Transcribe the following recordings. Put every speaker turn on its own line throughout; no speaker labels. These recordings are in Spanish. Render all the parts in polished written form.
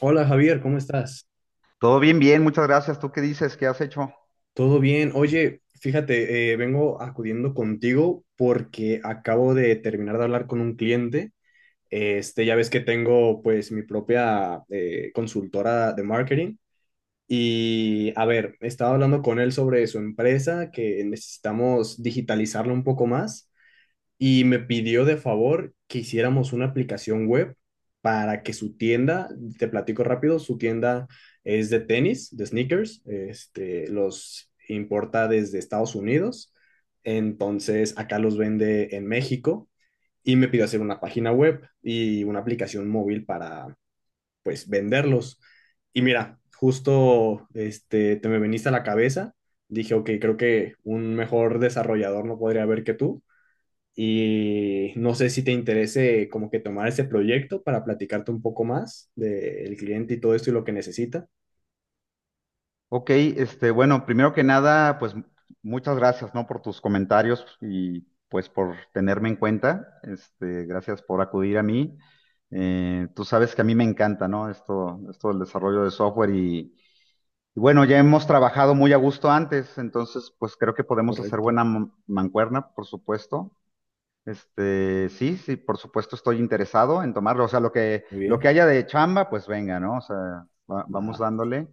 Hola Javier, ¿cómo estás?
Todo bien, bien, muchas gracias. ¿Tú qué dices? ¿Qué has hecho?
¿Todo bien? Oye, fíjate, vengo acudiendo contigo porque acabo de terminar de hablar con un cliente. Este, ya ves que tengo pues mi propia consultora de marketing y a ver, estaba hablando con él sobre su empresa que necesitamos digitalizarla un poco más y me pidió de favor que hiciéramos una aplicación web para que su tienda, te platico rápido, su tienda es de tenis, de sneakers, este, los importa desde Estados Unidos, entonces acá los vende en México y me pidió hacer una página web y una aplicación móvil para, pues, venderlos. Y mira, justo, este, te me veniste a la cabeza, dije, ok, creo que un mejor desarrollador no podría haber que tú y no sé si te interese como que tomar ese proyecto para platicarte un poco más del cliente y todo esto y lo que necesita.
Ok, este, bueno, primero que nada, pues muchas gracias, ¿no? Por tus comentarios y pues por tenerme en cuenta. Este, gracias por acudir a mí. Tú sabes que a mí me encanta, ¿no? Esto del desarrollo de software y bueno, ya hemos trabajado muy a gusto antes, entonces pues creo que podemos hacer
Correcto,
buena mancuerna, por supuesto. Este, sí, sí, por supuesto estoy interesado en tomarlo. O sea, lo que,
muy
lo que
bien.
haya de chamba, pues venga, ¿no? O sea,
Va,
vamos dándole.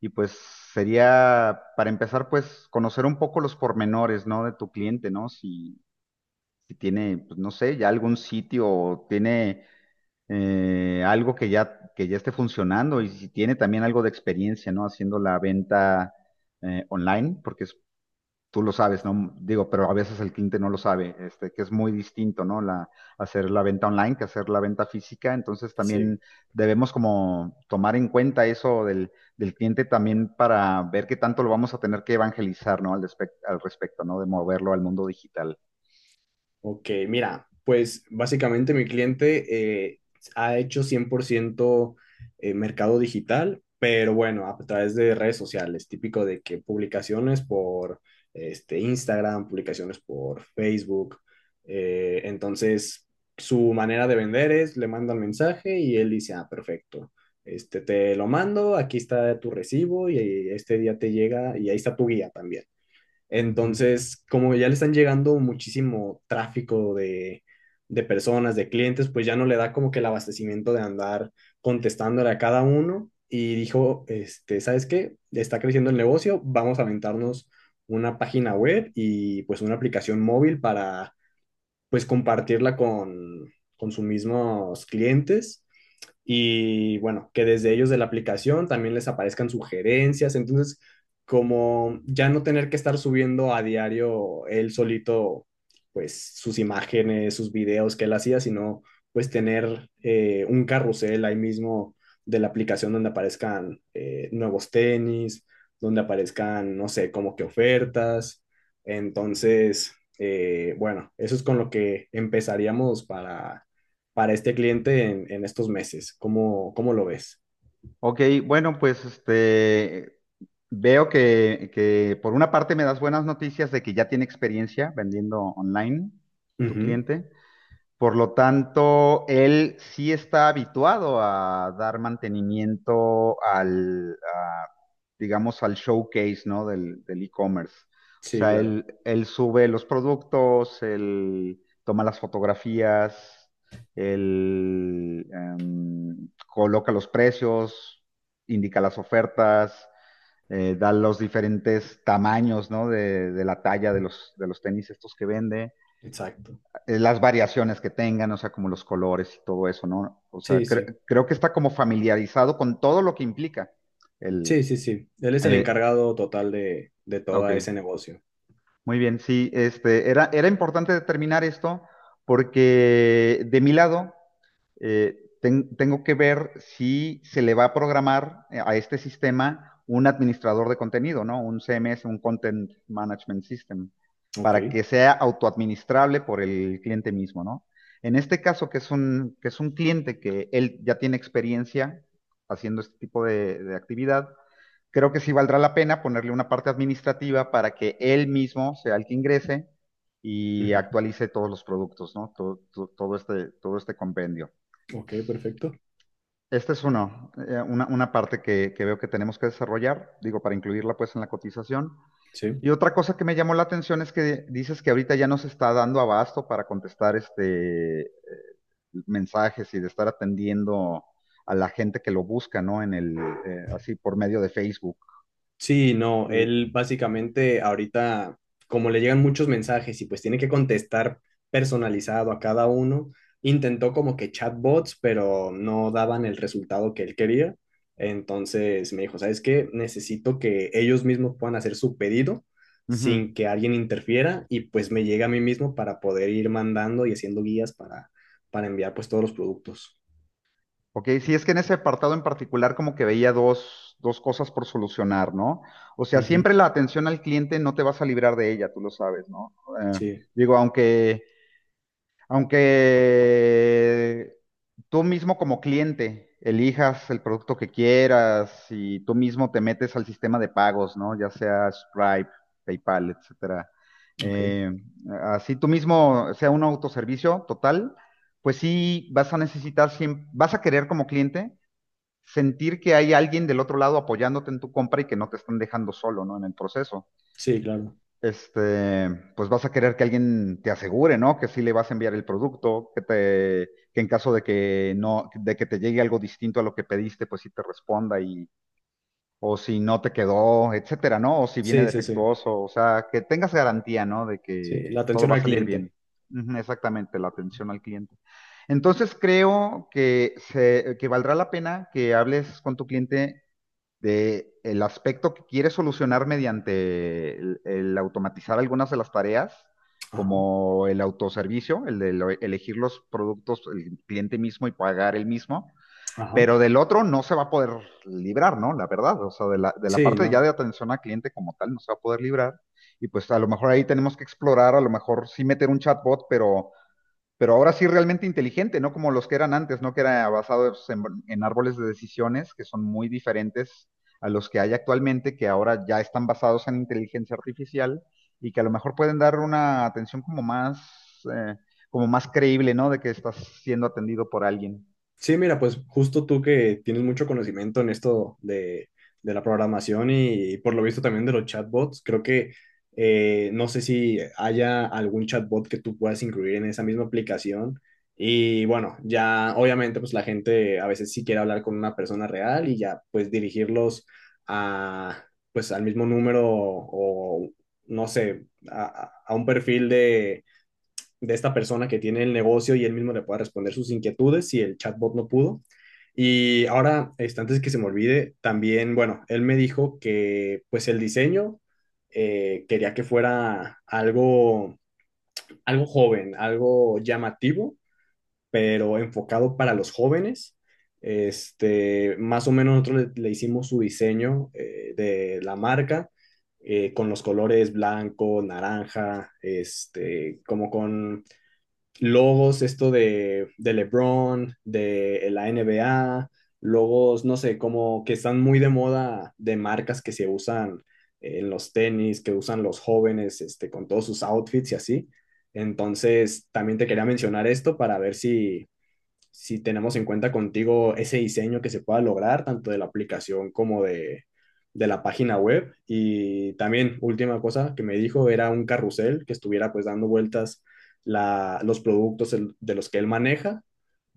Y pues sería, para empezar, pues conocer un poco los pormenores, ¿no? De tu cliente, ¿no? Si, si tiene, pues no sé, ya algún sitio o tiene algo que ya esté funcionando y si tiene también algo de experiencia, ¿no? Haciendo la venta online, porque es tú lo sabes, ¿no? Digo, pero a veces el cliente no lo sabe, este, que es muy distinto, ¿no? Hacer la venta online que hacer la venta física. Entonces también
sí.
debemos como tomar en cuenta eso del cliente también para ver qué tanto lo vamos a tener que evangelizar, ¿no? Al respecto, ¿no? De moverlo al mundo digital.
Ok, mira, pues básicamente mi cliente ha hecho 100% mercado digital, pero bueno, a través de redes sociales, típico de que publicaciones por este, Instagram, publicaciones por Facebook, entonces su manera de vender es, le mandan mensaje y él dice, ah, perfecto, este, te lo mando, aquí está tu recibo y este día te llega y ahí está tu guía también.
Ujú.
Entonces, como ya le están llegando muchísimo tráfico de personas, de clientes, pues ya no le da como que el abastecimiento de andar contestándole a cada uno. Y dijo, este, ¿sabes qué? Está creciendo el negocio, vamos a aventarnos una página web y pues una aplicación móvil para pues compartirla con sus mismos clientes y bueno, que desde ellos de la aplicación también les aparezcan sugerencias. Entonces, como ya no tener que estar subiendo a diario él solito, pues sus imágenes, sus videos que él hacía, sino pues tener un carrusel ahí mismo de la aplicación donde aparezcan nuevos tenis, donde aparezcan, no sé, como que ofertas. Entonces, bueno, eso es con lo que empezaríamos para este cliente en estos meses. ¿Cómo, cómo lo ves?
Ok, bueno, pues este. Veo que por una parte me das buenas noticias de que ya tiene experiencia vendiendo online tu
Ujú.
cliente. Por lo tanto, él sí está habituado a dar mantenimiento digamos, al showcase, ¿no? Del e-commerce. O
Sí,
sea,
claro,
él sube los productos, él toma las fotografías, él coloca los precios, indica las ofertas, da los diferentes tamaños, ¿no? De la talla de los tenis estos que vende
exacto.
las variaciones que tengan, o sea, como los colores y todo eso, ¿no? O sea,
Sí, sí,
creo que está como familiarizado con todo lo que implica el.
sí, sí, sí. Él es el
eh,
encargado total de todo
ok,
ese negocio.
muy bien, sí, este, era importante determinar esto porque de mi lado tengo que ver si se le va a programar a este sistema un administrador de contenido, ¿no? Un CMS, un Content Management System,
Ok.
para que sea autoadministrable por el cliente mismo, ¿no? En este caso, que es un cliente que él ya tiene experiencia haciendo este tipo de actividad, creo que sí valdrá la pena ponerle una parte administrativa para que él mismo sea el que ingrese y
Ujú.
actualice todos los productos, ¿no? Todo este compendio.
Ok, perfecto.
Este es uno, una parte que veo que tenemos que desarrollar, digo, para incluirla pues en la cotización.
Sí.
Y otra cosa que me llamó la atención es que dices que ahorita ya no se está dando abasto para contestar mensajes y de estar atendiendo a la gente que lo busca, ¿no? Así por medio de Facebook.
Sí, no,
Y,
él básicamente ahorita, como le llegan muchos mensajes y pues tiene que contestar personalizado a cada uno, intentó como que chatbots, pero no daban el resultado que él quería. Entonces me dijo, ¿sabes qué? Necesito que ellos mismos puedan hacer su pedido
Ujú.
sin que alguien interfiera y pues me llegue a mí mismo para poder ir mandando y haciendo guías para enviar pues todos los productos.
Ok, sí, es que en ese apartado en particular como que veía dos cosas por solucionar, ¿no? O sea,
Ujú,
siempre la atención al cliente no te vas a librar de ella, tú lo sabes, ¿no? Eh,
sí,
digo, aunque tú mismo como cliente elijas el producto que quieras y tú mismo te metes al sistema de pagos, ¿no? Ya sea Stripe, PayPal, etcétera.
ok.
Eh, así tú mismo sea un autoservicio total, pues sí vas a necesitar, vas a querer como cliente sentir que hay alguien del otro lado apoyándote en tu compra y que no te están dejando solo, ¿no? En el proceso
Sí, claro.
este, pues vas a querer que alguien te asegure, ¿no? Que sí le vas a enviar el producto, que en caso de que no, de que te llegue algo distinto a lo que pediste, pues sí te responda o si no te quedó, etcétera, ¿no? O si viene
Sí, sí, sí.
defectuoso, o sea, que tengas garantía, ¿no? De
Sí,
que
la
todo
atención
va a
al
salir bien.
cliente.
Ujú, exactamente, la atención al cliente. Entonces creo que valdrá la pena que hables con tu cliente de el aspecto que quiere solucionar mediante el automatizar algunas de las tareas,
Ajá,
como el autoservicio, el de elegir los productos el cliente mismo y pagar el mismo,
ajá.
pero del otro no se va a poder librar, ¿no? La verdad, o sea, de la
Sí,
parte ya de
no.
atención al cliente como tal no se va a poder librar. Y pues a lo mejor ahí tenemos que explorar, a lo mejor sí meter un chatbot, pero ahora sí realmente inteligente, no como los que eran antes, ¿no? Que era basado en árboles de decisiones que son muy diferentes a los que hay actualmente, que ahora ya están basados en inteligencia artificial y que a lo mejor pueden dar una atención eh, como más creíble, ¿no? De que estás siendo atendido por alguien.
Sí, mira, pues justo tú que tienes mucho conocimiento en esto de la programación y, por lo visto también de los chatbots, creo que no sé si haya algún chatbot que tú puedas incluir en esa misma aplicación. Y bueno, ya obviamente pues la gente a veces sí quiere hablar con una persona real y ya pues dirigirlos a pues al mismo número o no sé, a, a un perfil de esta persona que tiene el negocio y él mismo le pueda responder sus inquietudes si el chatbot no pudo. Y ahora, este, antes que se me olvide, también, bueno, él me dijo que pues el diseño quería que fuera algo, algo joven, algo llamativo, pero enfocado para los jóvenes. Este, más o menos nosotros le, le hicimos su diseño de la marca con los colores blanco, naranja, este, como con logos, esto de LeBron, de la NBA, logos, no sé, como que están muy de moda de marcas que se usan en los tenis, que usan los jóvenes, este, con todos sus outfits y así. Entonces, también te quería mencionar esto para ver si, si tenemos en cuenta contigo ese diseño que se pueda lograr, tanto de la aplicación como de la página web. Y también, última cosa que me dijo, era un carrusel que estuviera pues dando vueltas la, los productos el- de los que él maneja.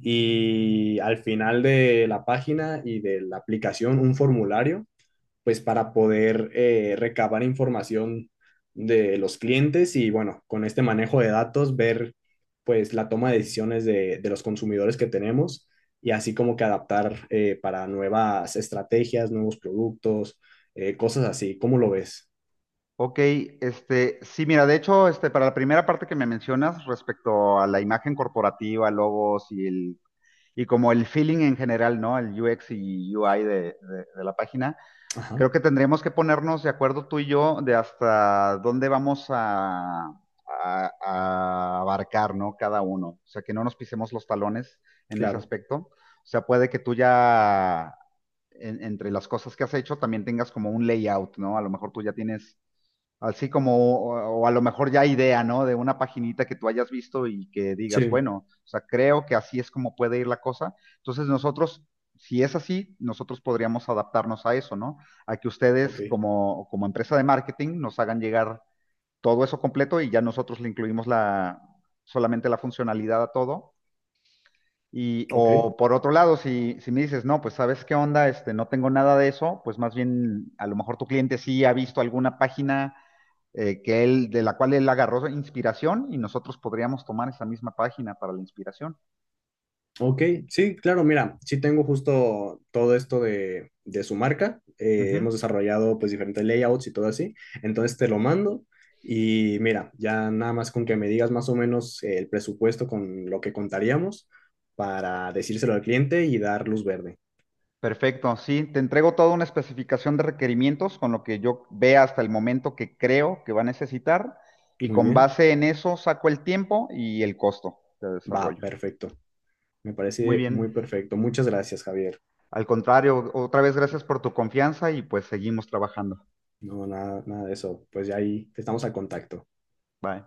Y al final de la página y de la aplicación, un formulario pues para poder recabar información de los clientes y bueno, con este manejo de datos ver pues la toma de decisiones de los consumidores que tenemos y así como que adaptar para nuevas estrategias, nuevos productos, cosas así. ¿Cómo lo ves?
Ok, este, sí, mira, de hecho, este, para la primera parte que me mencionas respecto a la imagen corporativa, logos y y como el feeling en general, ¿no? El UX y UI de la página.
Ajá,
Creo que tendríamos que ponernos de acuerdo tú y yo de hasta dónde vamos a abarcar, ¿no? Cada uno. O sea, que no nos pisemos los talones en ese
claro.
aspecto. O sea, puede que tú ya entre las cosas que has hecho también tengas como un layout, ¿no? A lo mejor tú ya tienes, así como, o a lo mejor ya idea, ¿no? De una paginita que tú hayas visto y que digas,
Sí,
bueno, o sea, creo que así es como puede ir la cosa. Entonces nosotros, si es así, nosotros podríamos adaptarnos a eso, ¿no? A que
ok,
ustedes como empresa de marketing nos hagan llegar todo eso completo y ya nosotros le incluimos solamente la funcionalidad a todo
ok.
o por otro lado, si me dices, no, pues sabes qué onda, este, no tengo nada de eso, pues más bien a lo mejor tu cliente sí ha visto alguna página de la cual él agarró inspiración y nosotros podríamos tomar esa misma página para la inspiración.
Ok, sí, claro, mira, sí tengo justo todo esto de su marca.
Ujú.
Hemos desarrollado pues diferentes layouts y todo así. Entonces te lo mando y mira, ya nada más con que me digas más o menos el presupuesto con lo que contaríamos para decírselo al cliente y dar luz verde.
Perfecto, sí, te entrego toda una especificación de requerimientos con lo que yo vea hasta el momento que creo que va a necesitar y
Muy
con
bien,
base en eso saco el tiempo y el costo de
va,
desarrollo.
perfecto. Me
Muy
parece muy
bien.
perfecto. Muchas gracias, Javier.
Al contrario, otra vez gracias por tu confianza y pues seguimos trabajando.
No, nada, nada de eso. Pues ya ahí estamos al contacto.
Bye.